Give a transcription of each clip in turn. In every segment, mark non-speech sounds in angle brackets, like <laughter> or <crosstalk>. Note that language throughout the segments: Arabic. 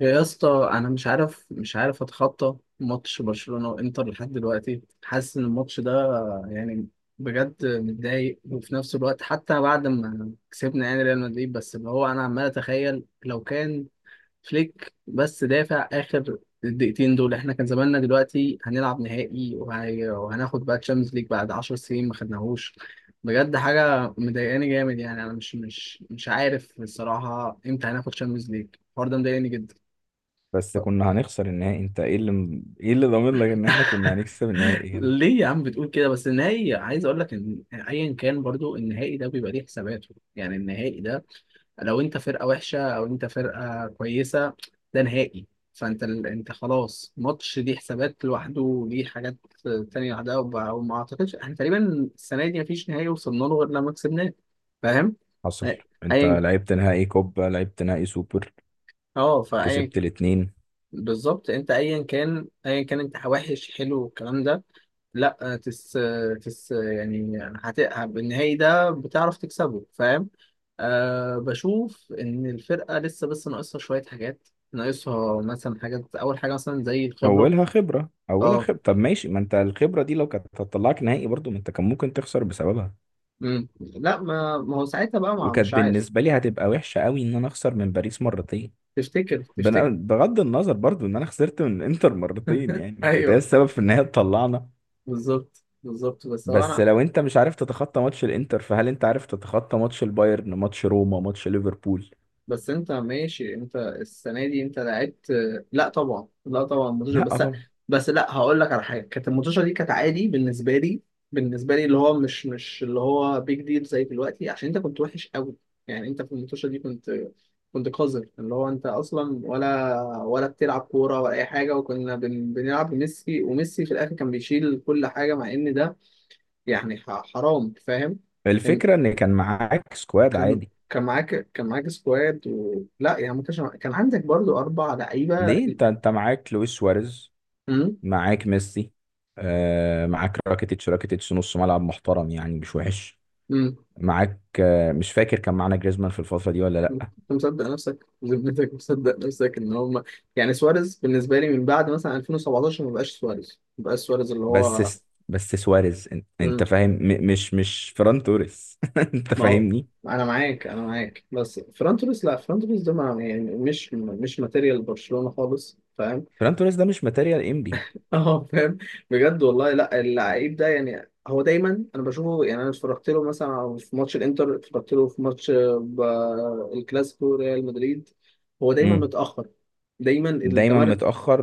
يا اسطى، انا مش عارف اتخطى ماتش برشلونة وانتر لحد دلوقتي. حاسس ان الماتش ده يعني بجد متضايق، وفي نفس الوقت حتى بعد ما كسبنا يعني ريال مدريد، بس اللي هو انا عمال اتخيل لو كان فليك بس دافع اخر الدقيقتين دول، احنا كان زماننا دلوقتي هنلعب نهائي وهناخد بقى تشامبيونز ليج بعد 10 سنين ما خدناهوش. بجد حاجة مضايقاني جامد، يعني انا مش عارف الصراحة امتى هناخد تشامبيونز ليج. الحوار ده مضايقني جدا. بس كنا هنخسر النهائي. انت ايه اللي ايه اللي ضامن لك ان احنا كنا هنكسب النهائي يعني؟ ليه يا عم بتقول كده؟ بس النهائي عايز اقول لك ان ايا كان برضو النهائي ده بيبقى ليه حساباته، يعني النهائي ده لو انت فرقه وحشه او انت فرقه كويسه، ده نهائي. فانت انت خلاص ماتش ليه حسابات لوحده وليه حاجات تانية لوحدها، وما اعتقدش احنا تقريبا السنه دي مفيش نهائي وصلنا له غير لما كسبناه. فاهم؟ حصل. أي- انت ايا. لعبت نهائي كوبا، لعبت نهائي سوبر، اه فايا. كسبت الاتنين. بالظبط، انت ايا كان ايا كان انت وحش حلو الكلام ده. لا تس، تس يعني بالنهائي ده بتعرف تكسبه، فاهم؟ أه، بشوف ان الفرقه لسه بس ناقصها شويه حاجات، ناقصها مثلا حاجات، اول حاجه مثلا زي الخبره. اولها خبرة، اولها اه. خبرة. طب ماشي، ما انت الخبرة دي لو كانت هتطلعك نهائي برضو ما انت كان ممكن تخسر بسببها. لا، ما هو ساعتها بقى ما وكانت مش عارف. بالنسبة لي هتبقى وحشة قوي ان انا اخسر من باريس مرتين. تفتكر؟ تفتكر؟ بغض النظر برضو ان انا خسرت من الانتر مرتين <laughs> يعني، وكانت هي ايوه، السبب في ان هي تطلعنا. بالظبط بالظبط، بس هو بس انا. لو انت مش عارف تتخطى ماتش الانتر فهل انت عارف تتخطى ماتش البايرن، ماتش روما، ماتش ليفربول؟ بس انت ماشي، انت السنه دي انت لعبت. لا طبعا لا طبعا الماتشة لا بس. طبعا. بس لا، هقول لك على حاجه، كانت الماتشة دي كانت عادي بالنسبه لي، بالنسبه لي اللي هو مش اللي هو بيج ديل زي دلوقتي، عشان انت كنت وحش قوي. يعني انت في الماتشة دي كنت كنت قذر، اللي هو انت اصلا ولا بتلعب كوره ولا اي حاجه، وكنا بنلعب بميسي، وميسي في الاخر كان بيشيل كل حاجه، مع ان ده يعني حرام، فاهم؟ الفكرة ان كان معاك سكواد كان عادي. كان معاك، كان معاك سكواد لا يعني ما كانش معاك- كان عندك برضو اربع لعيبه. ليه؟ انت معاك لويس سواريز، امم معاك ميسي، آه معاك راكيتيتش. نص ملعب محترم يعني، مش وحش. امم معاك آه، مش فاكر كان معانا جريزمان في الفترة دي ولا لا. انت مصدق نفسك؟ <laughs> ذمتك مصدق نفسك ان هم يعني سواريز؟ بالنسبه لي من بعد مثلا 2017 ما بقاش سواريز، ما بقاش سواريز اللي هو. بس سواريز انت امم فاهم، مش فران توريس <laughs> انت ما هو فاهمني؟ انا معاك، انا معاك. بس فران توريس، لا فران توريس ده ما يعني مش مش ماتيريال برشلونه خالص، فاهم؟ فران توريس ده مش ماتيريال انبي. <laughs> اه فاهم. بجد والله، لا اللعيب ده يعني هو دايما، انا بشوفه يعني، انا اتفرجت له مثلا في ماتش الانتر، اتفرجت له في ماتش آه، الكلاسيكو ريال مدريد، هو دايما متاخر، دايما دايما التمر. متأخر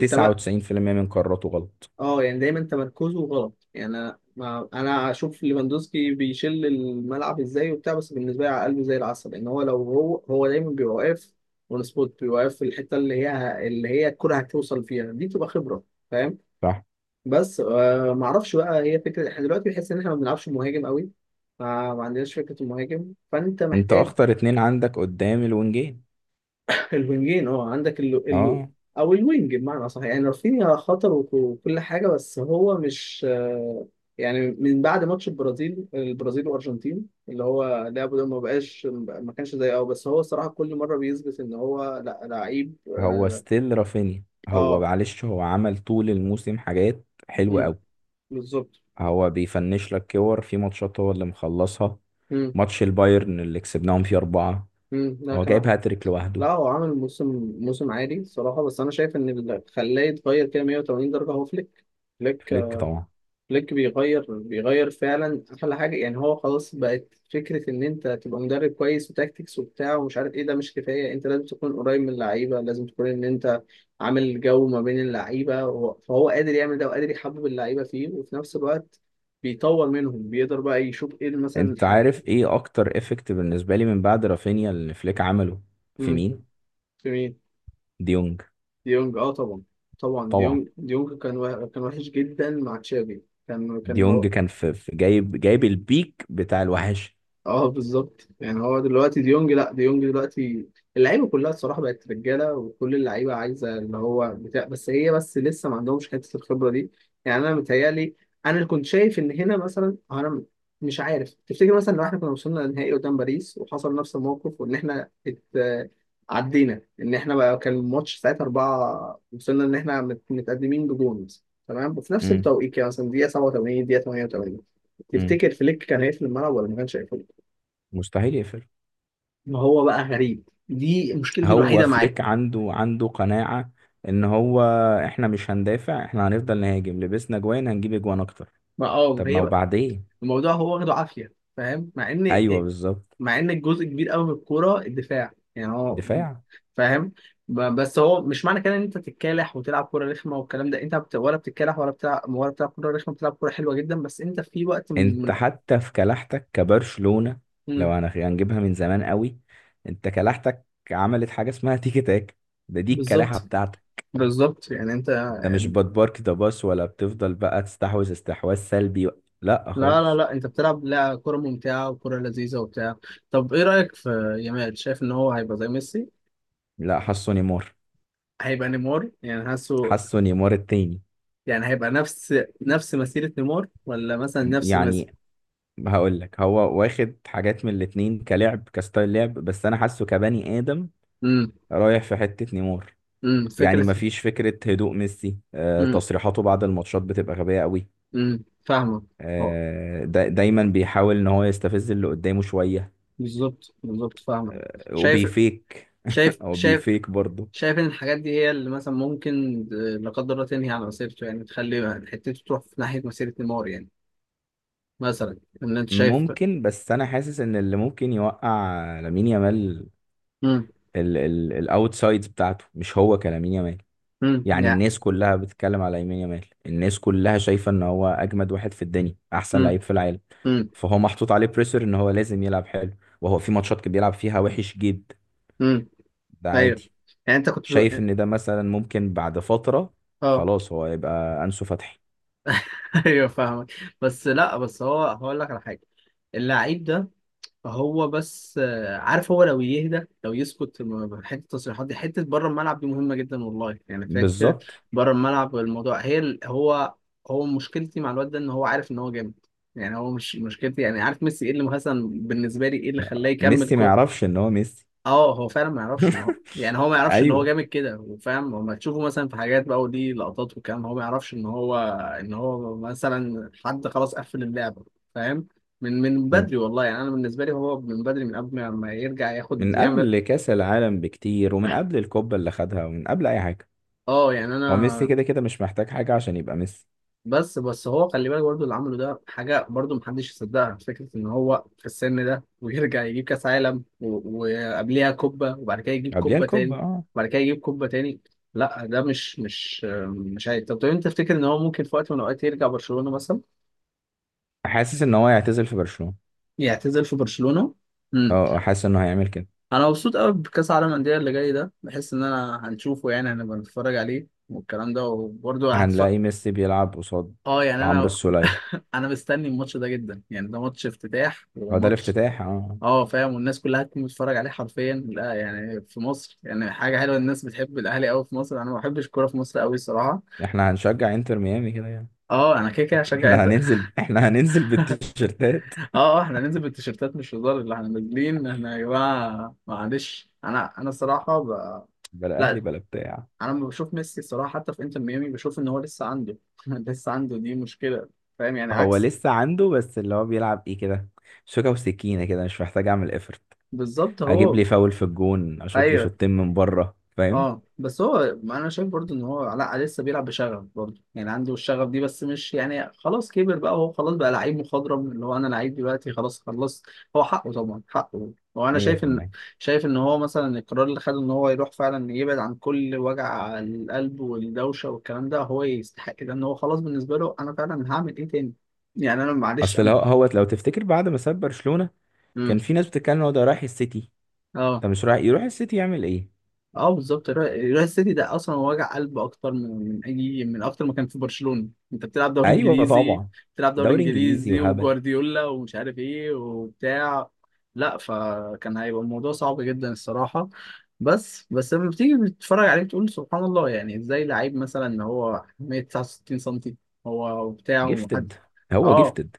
التم... من قراراته غلط. اه يعني دايما تمركزه غلط، يعني انا ما... انا اشوف ليفاندوسكي بيشل الملعب ازاي وبتاع، بس بالنسبه لي على قلبه زي العسل، لان هو لو هو دايما بيبقى واقف اون سبوت، بيبقى واقف في الحته اللي هي الكره هتوصل فيها دي، تبقى خبره، فاهم؟ صح، بس آه ما اعرفش بقى، هي فكره احنا دلوقتي بنحس ان احنا ما بنلعبش مهاجم قوي، ما عندناش فكره المهاجم، فانت انت محتاج اخطر اتنين عندك قدام الونجين. الوينجين. اه عندك اه. او الوينج بمعنى صح. يعني رافينيا خطر، وكل حاجه بس هو مش آه. يعني من بعد ماتش البرازيل والارجنتين، اللي هو لعبه ده ما بقاش ما كانش زي اه، بس هو الصراحه كل مره بيثبت ان هو لا لعيب هو اه. ستيل رافينيا. هو آه. معلش هو عمل طول الموسم حاجات حلوة مم، قوي. بالظبط. هو بيفنش لك كور في ماتشات هو اللي مخلصها. امم ماتش البايرن اللي كسبناهم فيه أربعة، لا، هو كان. جايب هاتريك لوحده. لا هو عامل موسم موسم عادي الصراحة، بس أنا شايف إن اللي خلاه يتغير كده 180 درجة هو فليك. فليك. فليك طبعا. فليك بيغير، بيغير فعلا. أحلى حاجة، يعني هو خلاص بقت فكرة إن أنت تبقى مدرب كويس وتاكتكس وبتاع ومش عارف إيه، ده مش كفاية. أنت لازم تكون قريب من اللعيبة، لازم تكون إن أنت عامل جو ما بين اللعيبة فهو قادر يعمل ده وقادر يحبب اللعيبة فيه، وفي نفس الوقت بيطور منهم، بيقدر بقى يشوف إيه مثلا انت الحاجة. عارف ايه اكتر افكت بالنسبة لي من بعد رافينيا اللي فليك عمله؟ في في مين؟ مين؟ ديونج. ديونج. اه طبعا. طبعا طبعا ديونج، ديونج كان كان وحش جدا مع تشافي. كان كان ديونج كان جايب، جايب البيك بتاع الوحش. اه بالظبط. يعني هو دلوقتي ديونج، لا ديونج دلوقتي اللعيبه كلها الصراحه بقت رجاله، وكل اللعيبه عايزه اللي هو بتاع، بس هي بس لسه ما عندهمش حته الخبره دي. يعني انا متهيألي، انا اللي كنت شايف ان هنا مثلا انا مش عارف، تفتكر مثلا لو احنا كنا وصلنا للنهائي قدام باريس وحصل نفس الموقف، وان احنا عدينا ان احنا بقى كان الماتش ساعتها أربعة، وصلنا ان احنا متقدمين بجون مثلا، تمام، وفي نفس امم، التوقيت يعني مثلا دقيقه 87 دقيقه 88، امم، تفتكر فليك كان هيقفل الملعب ولا ما كانش هيقفل؟ مستحيل يقفل. ما هو بقى غريب، دي مشكلتي هو الوحيده معاه. فليك عنده، عنده قناعة ان هو احنا مش هندافع، احنا هنفضل نهاجم، لبسنا جوان هنجيب اجوان اكتر. ما اه طب ما ما هي بقى وبعدين. الموضوع، هو واخده عافيه، فاهم؟ مع ان ايوه إيه، بالظبط. مع ان الجزء كبير قوي من الكوره الدفاع، يعني هو دفاع. فاهم. بس هو مش معنى كده ان انت تتكالح وتلعب كوره رخمه والكلام ده. انت ولا بتتكالح ولا بتلعب، ولا بتلعب كوره رخمه، بتلعب كوره حلوه جدا، بس انت في وقت من انت حتى في كلاحتك كبرشلونة، لو مم. هنجيبها من زمان قوي، انت كلاحتك عملت حاجة اسمها تيكي تاك. ده دي الكلاحة بالظبط بتاعتك. بالظبط، يعني انت انت مش بتبارك ده باص ولا بتفضل بقى تستحوذ استحواذ سلبي. لا لا لا خالص. لا انت بتلعب لا كوره ممتعه وكوره لذيذه وبتاع. طب ايه رايك في يامال؟ شايف ان هو هيبقى زي ميسي؟ لا، حاسه نيمار. هيبقى نيمار يعني، حاسه. حاسه نيمار التاني. يعني هيبقى نفس نفس مسيرة نيمار ولا مثلا نفس مسيرة. يعني هقول لك، هو واخد حاجات من الاتنين كلعب كستايل لعب، بس انا حاسه كبني ادم امم رايح في حتة نيمار. يعني فكرة. مفيش فكرة هدوء ميسي. آه، امم تصريحاته بعد الماتشات بتبقى غبية قوي. فاهمك. اه آه، دايما بيحاول ان هو يستفز اللي قدامه شوية. بالظبط بالظبط فاهمك. آه، شايف، وبيفيك شايف. <laughs> او شايف، بيفيك برضه. شايف ان الحاجات دي هي اللي مثلا ممكن آه، لا قدر الله تنهي على مسيرته، يعني تخلي حتته تروح في ناحية مسيرة نيمار يعني، مثلا. ان انت شايف. ممكن، بس انا حاسس ان اللي ممكن يوقع لامين يامال امم الاوتسايدز بتاعته، مش هو كلامين يامال. يعني يعني. الناس كلها بتتكلم على يمين يامال، الناس كلها شايفة ان هو اجمد واحد في الدنيا، احسن امم لعيب في العالم. امم فهو محطوط عليه بريسر ان هو لازم يلعب حلو، وهو في ماتشات كان بيلعب فيها وحش جدا. امم ده ايوه، عادي. يعني انت كنت شايف بتقول. ان ده مثلا ممكن بعد فترة اه. خلاص هو يبقى انسو فتحي. <laughs> ايوه فاهمك. بس لا، بس هو هقول لك على حاجة، اللعيب ده، هو بس آه، عارف، هو لو يهدى، لو يسكت، حته التصريحات دي حته بره الملعب دي مهمه جدا والله، يعني فيها كتير. بالظبط. بره الملعب الموضوع، هي هو هو مشكلتي مع الواد ده ان هو عارف ان هو جامد. يعني هو مش مشكلتي يعني، عارف ميسي ايه اللي مثلا بالنسبه لي، ايه اللي خلاه يكمل. ميسي ما يعرفش ان هو ميسي. اه هو فعلا ما يعرفش ان هو، <laughs> يعني هو ما يعرفش ان هو ايوه. جامد كده وفاهم، لما تشوفه مثلا في حاجات بقى ودي لقطات وكام هو ما يعرفش ان هو، ان هو مثلا حد خلاص قفل اللعبه، فاهم؟ من من مم. بدري والله، يعني انا بالنسبه لي هو من بدري، من قبل ما ما يرجع ياخد من يعمل. قبل كاس العالم بكتير، ومن قبل الكوبا اللي خدها، ومن قبل اي حاجه. اه يعني هو ميسي انا. كده كده مش محتاج حاجه عشان يبقى ميسي. بس بس هو خلي بالك برضه، اللي عمله ده حاجة برضه محدش يصدقها، فكرة إن هو في السن ده ويرجع يجيب كأس عالم، وقبليها كوبا، وبعد كده يجيب قبلها كوبا الكوبا، تاني، اه. وبعد كده يجيب كوبا تاني. لا ده مش عادي. طب طب أنت تفتكر إن هو ممكن في وقت من الأوقات يرجع برشلونة مثلا؟ حاسس ان هو هيعتزل في برشلونة. يعتزل في برشلونة؟ اه امم آه، حاسس انه هيعمل كده. أنا مبسوط قوي بكأس العالم الأندية اللي جاي ده، بحس إن أنا هنشوفه، يعني هنبقى نتفرج عليه والكلام ده، وبرضه هنلاقي ميسي بيلعب قصاد اه يعني عمرو انا. السولية. <laughs> انا مستني الماتش ده جدا، يعني ده ماتش افتتاح هو ده وماتش. الافتتاح، اه آه. اه فاهم، والناس كلها هتكون بتتفرج عليه حرفيا. لا يعني في مصر يعني حاجه حلوه، الناس بتحب الاهلي قوي في مصر، انا ما بحبش الكوره في مصر قوي الصراحه. احنا هنشجع انتر ميامي كده يعني. اه انا كده كده هشجع احنا انت، اه. هننزل، احنا هننزل بالتيشيرتات، اه احنا ننزل بالتيشيرتات مش هزار اللي احنا نازلين، احنا يا جماعه معلش انا، انا الصراحه بلا اهلي لا، بلا بتاع. انا لما بشوف ميسي الصراحه حتى في انتر ميامي، بشوف ان هو لسه عنده <laughs> لسه عنده دي مشكله، فاهم؟ يعني هو عكس. لسه عنده، بس اللي هو بيلعب ايه كده؟ شوكة وسكينة كده، مش محتاج اعمل افرت. بالظبط اجيب هو. لي فاول في الجون اشوط لي ايوه. شوطين من بره، فاهم؟ اه بس هو انا شايف برضو ان هو علاء لسه بيلعب بشغف برضو، يعني عنده الشغف دي، بس مش يعني خلاص كبر بقى، هو خلاص بقى لعيب مخضرم، اللي هو انا لعيب دلوقتي خلاص خلصت. هو حقه طبعا حقه، هو انا شايف ان، 100%. شايف ان هو مثلا القرار اللي خده ان هو يروح فعلا يبعد عن كل وجع القلب والدوشه والكلام ده، هو يستحق ده، ان هو خلاص بالنسبه له انا فعلا هعمل ايه تاني، يعني انا معلش اصل انا. هو لو تفتكر بعد ما ساب برشلونة، كان امم في ناس بتتكلم إن هو ده رايح السيتي. اه. طب مش رايح، يروح السيتي يعمل ايه؟ اه بالظبط، الريال سيتي ده اصلا وجع قلب اكتر من من اي، من اكتر ما كان في برشلونة، انت بتلعب دوري ايوه انجليزي، طبعا. بتلعب دوري دوري انجليزي انجليزي وهبل. وجوارديولا ومش عارف ايه وبتاع. لا فكان هيبقى الموضوع صعب جدا الصراحة. بس بس لما بتيجي بتتفرج عليه بتقول سبحان الله، يعني ازاي لعيب مثلا هو 169 سم هو وبتاع ومحد. جيفتد، هو اه جيفتد.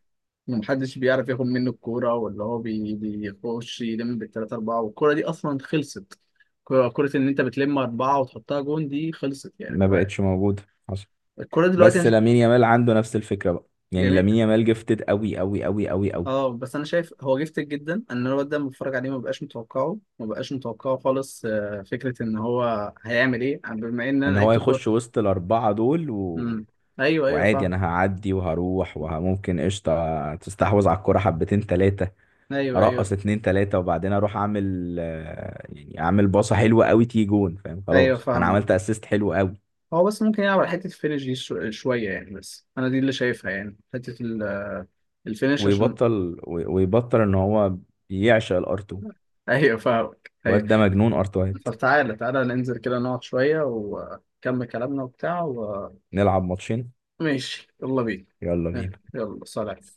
ومحدش بيعرف ياخد منه الكورة، ولا هو بيخش يلم بالتلاتة أربعة والكورة دي أصلا خلصت. كرة كرة إن أنت بتلم أربعة وتحطها جون دي خلصت ما يعني بقى. بقتش موجود. حصل. الكورة دلوقتي بس أنا لامين يامال عنده نفس الفكره بقى. يعني جميل. لامين يامال جيفتد قوي قوي قوي قوي قوي. اه بس أنا شايف هو جفتك جدا، أن الواد ده لما بتفرج عليه ما بقاش متوقعه، ما بقاش متوقعه خالص آه، فكرة إن هو هيعمل إيه بما إن أنا ان هو لعبت كورة. يخش وسط الاربعه دول و... أمم. أيوه أيوه وعادي فاهم. انا هعدي وهروح، وممكن قشطه تستحوذ على الكره حبتين ثلاثه. أيوه أيوه ارقص اتنين ثلاثه وبعدين اروح اعمل آه، يعني اعمل باصه حلوه قوي تيجي جون، فاهم؟ أيوه خلاص انا فاهمك. عملت اسيست حلو قوي. هو بس ممكن يلعب على حتة الفينش دي شوية، يعني بس أنا دي اللي شايفها، يعني حتة الفينش عشان. ويبطل ويبطل ان هو يعشق الار2. <laughs> أيوة فاهمك أيوة. الواد ده مجنون ارت وايت. طب تعالى تعالى ننزل كده نقعد شوية ونكمل كلامنا وبتاع نلعب ماتشين. ماشي يلا بينا. يلا بينا. يلا سلام.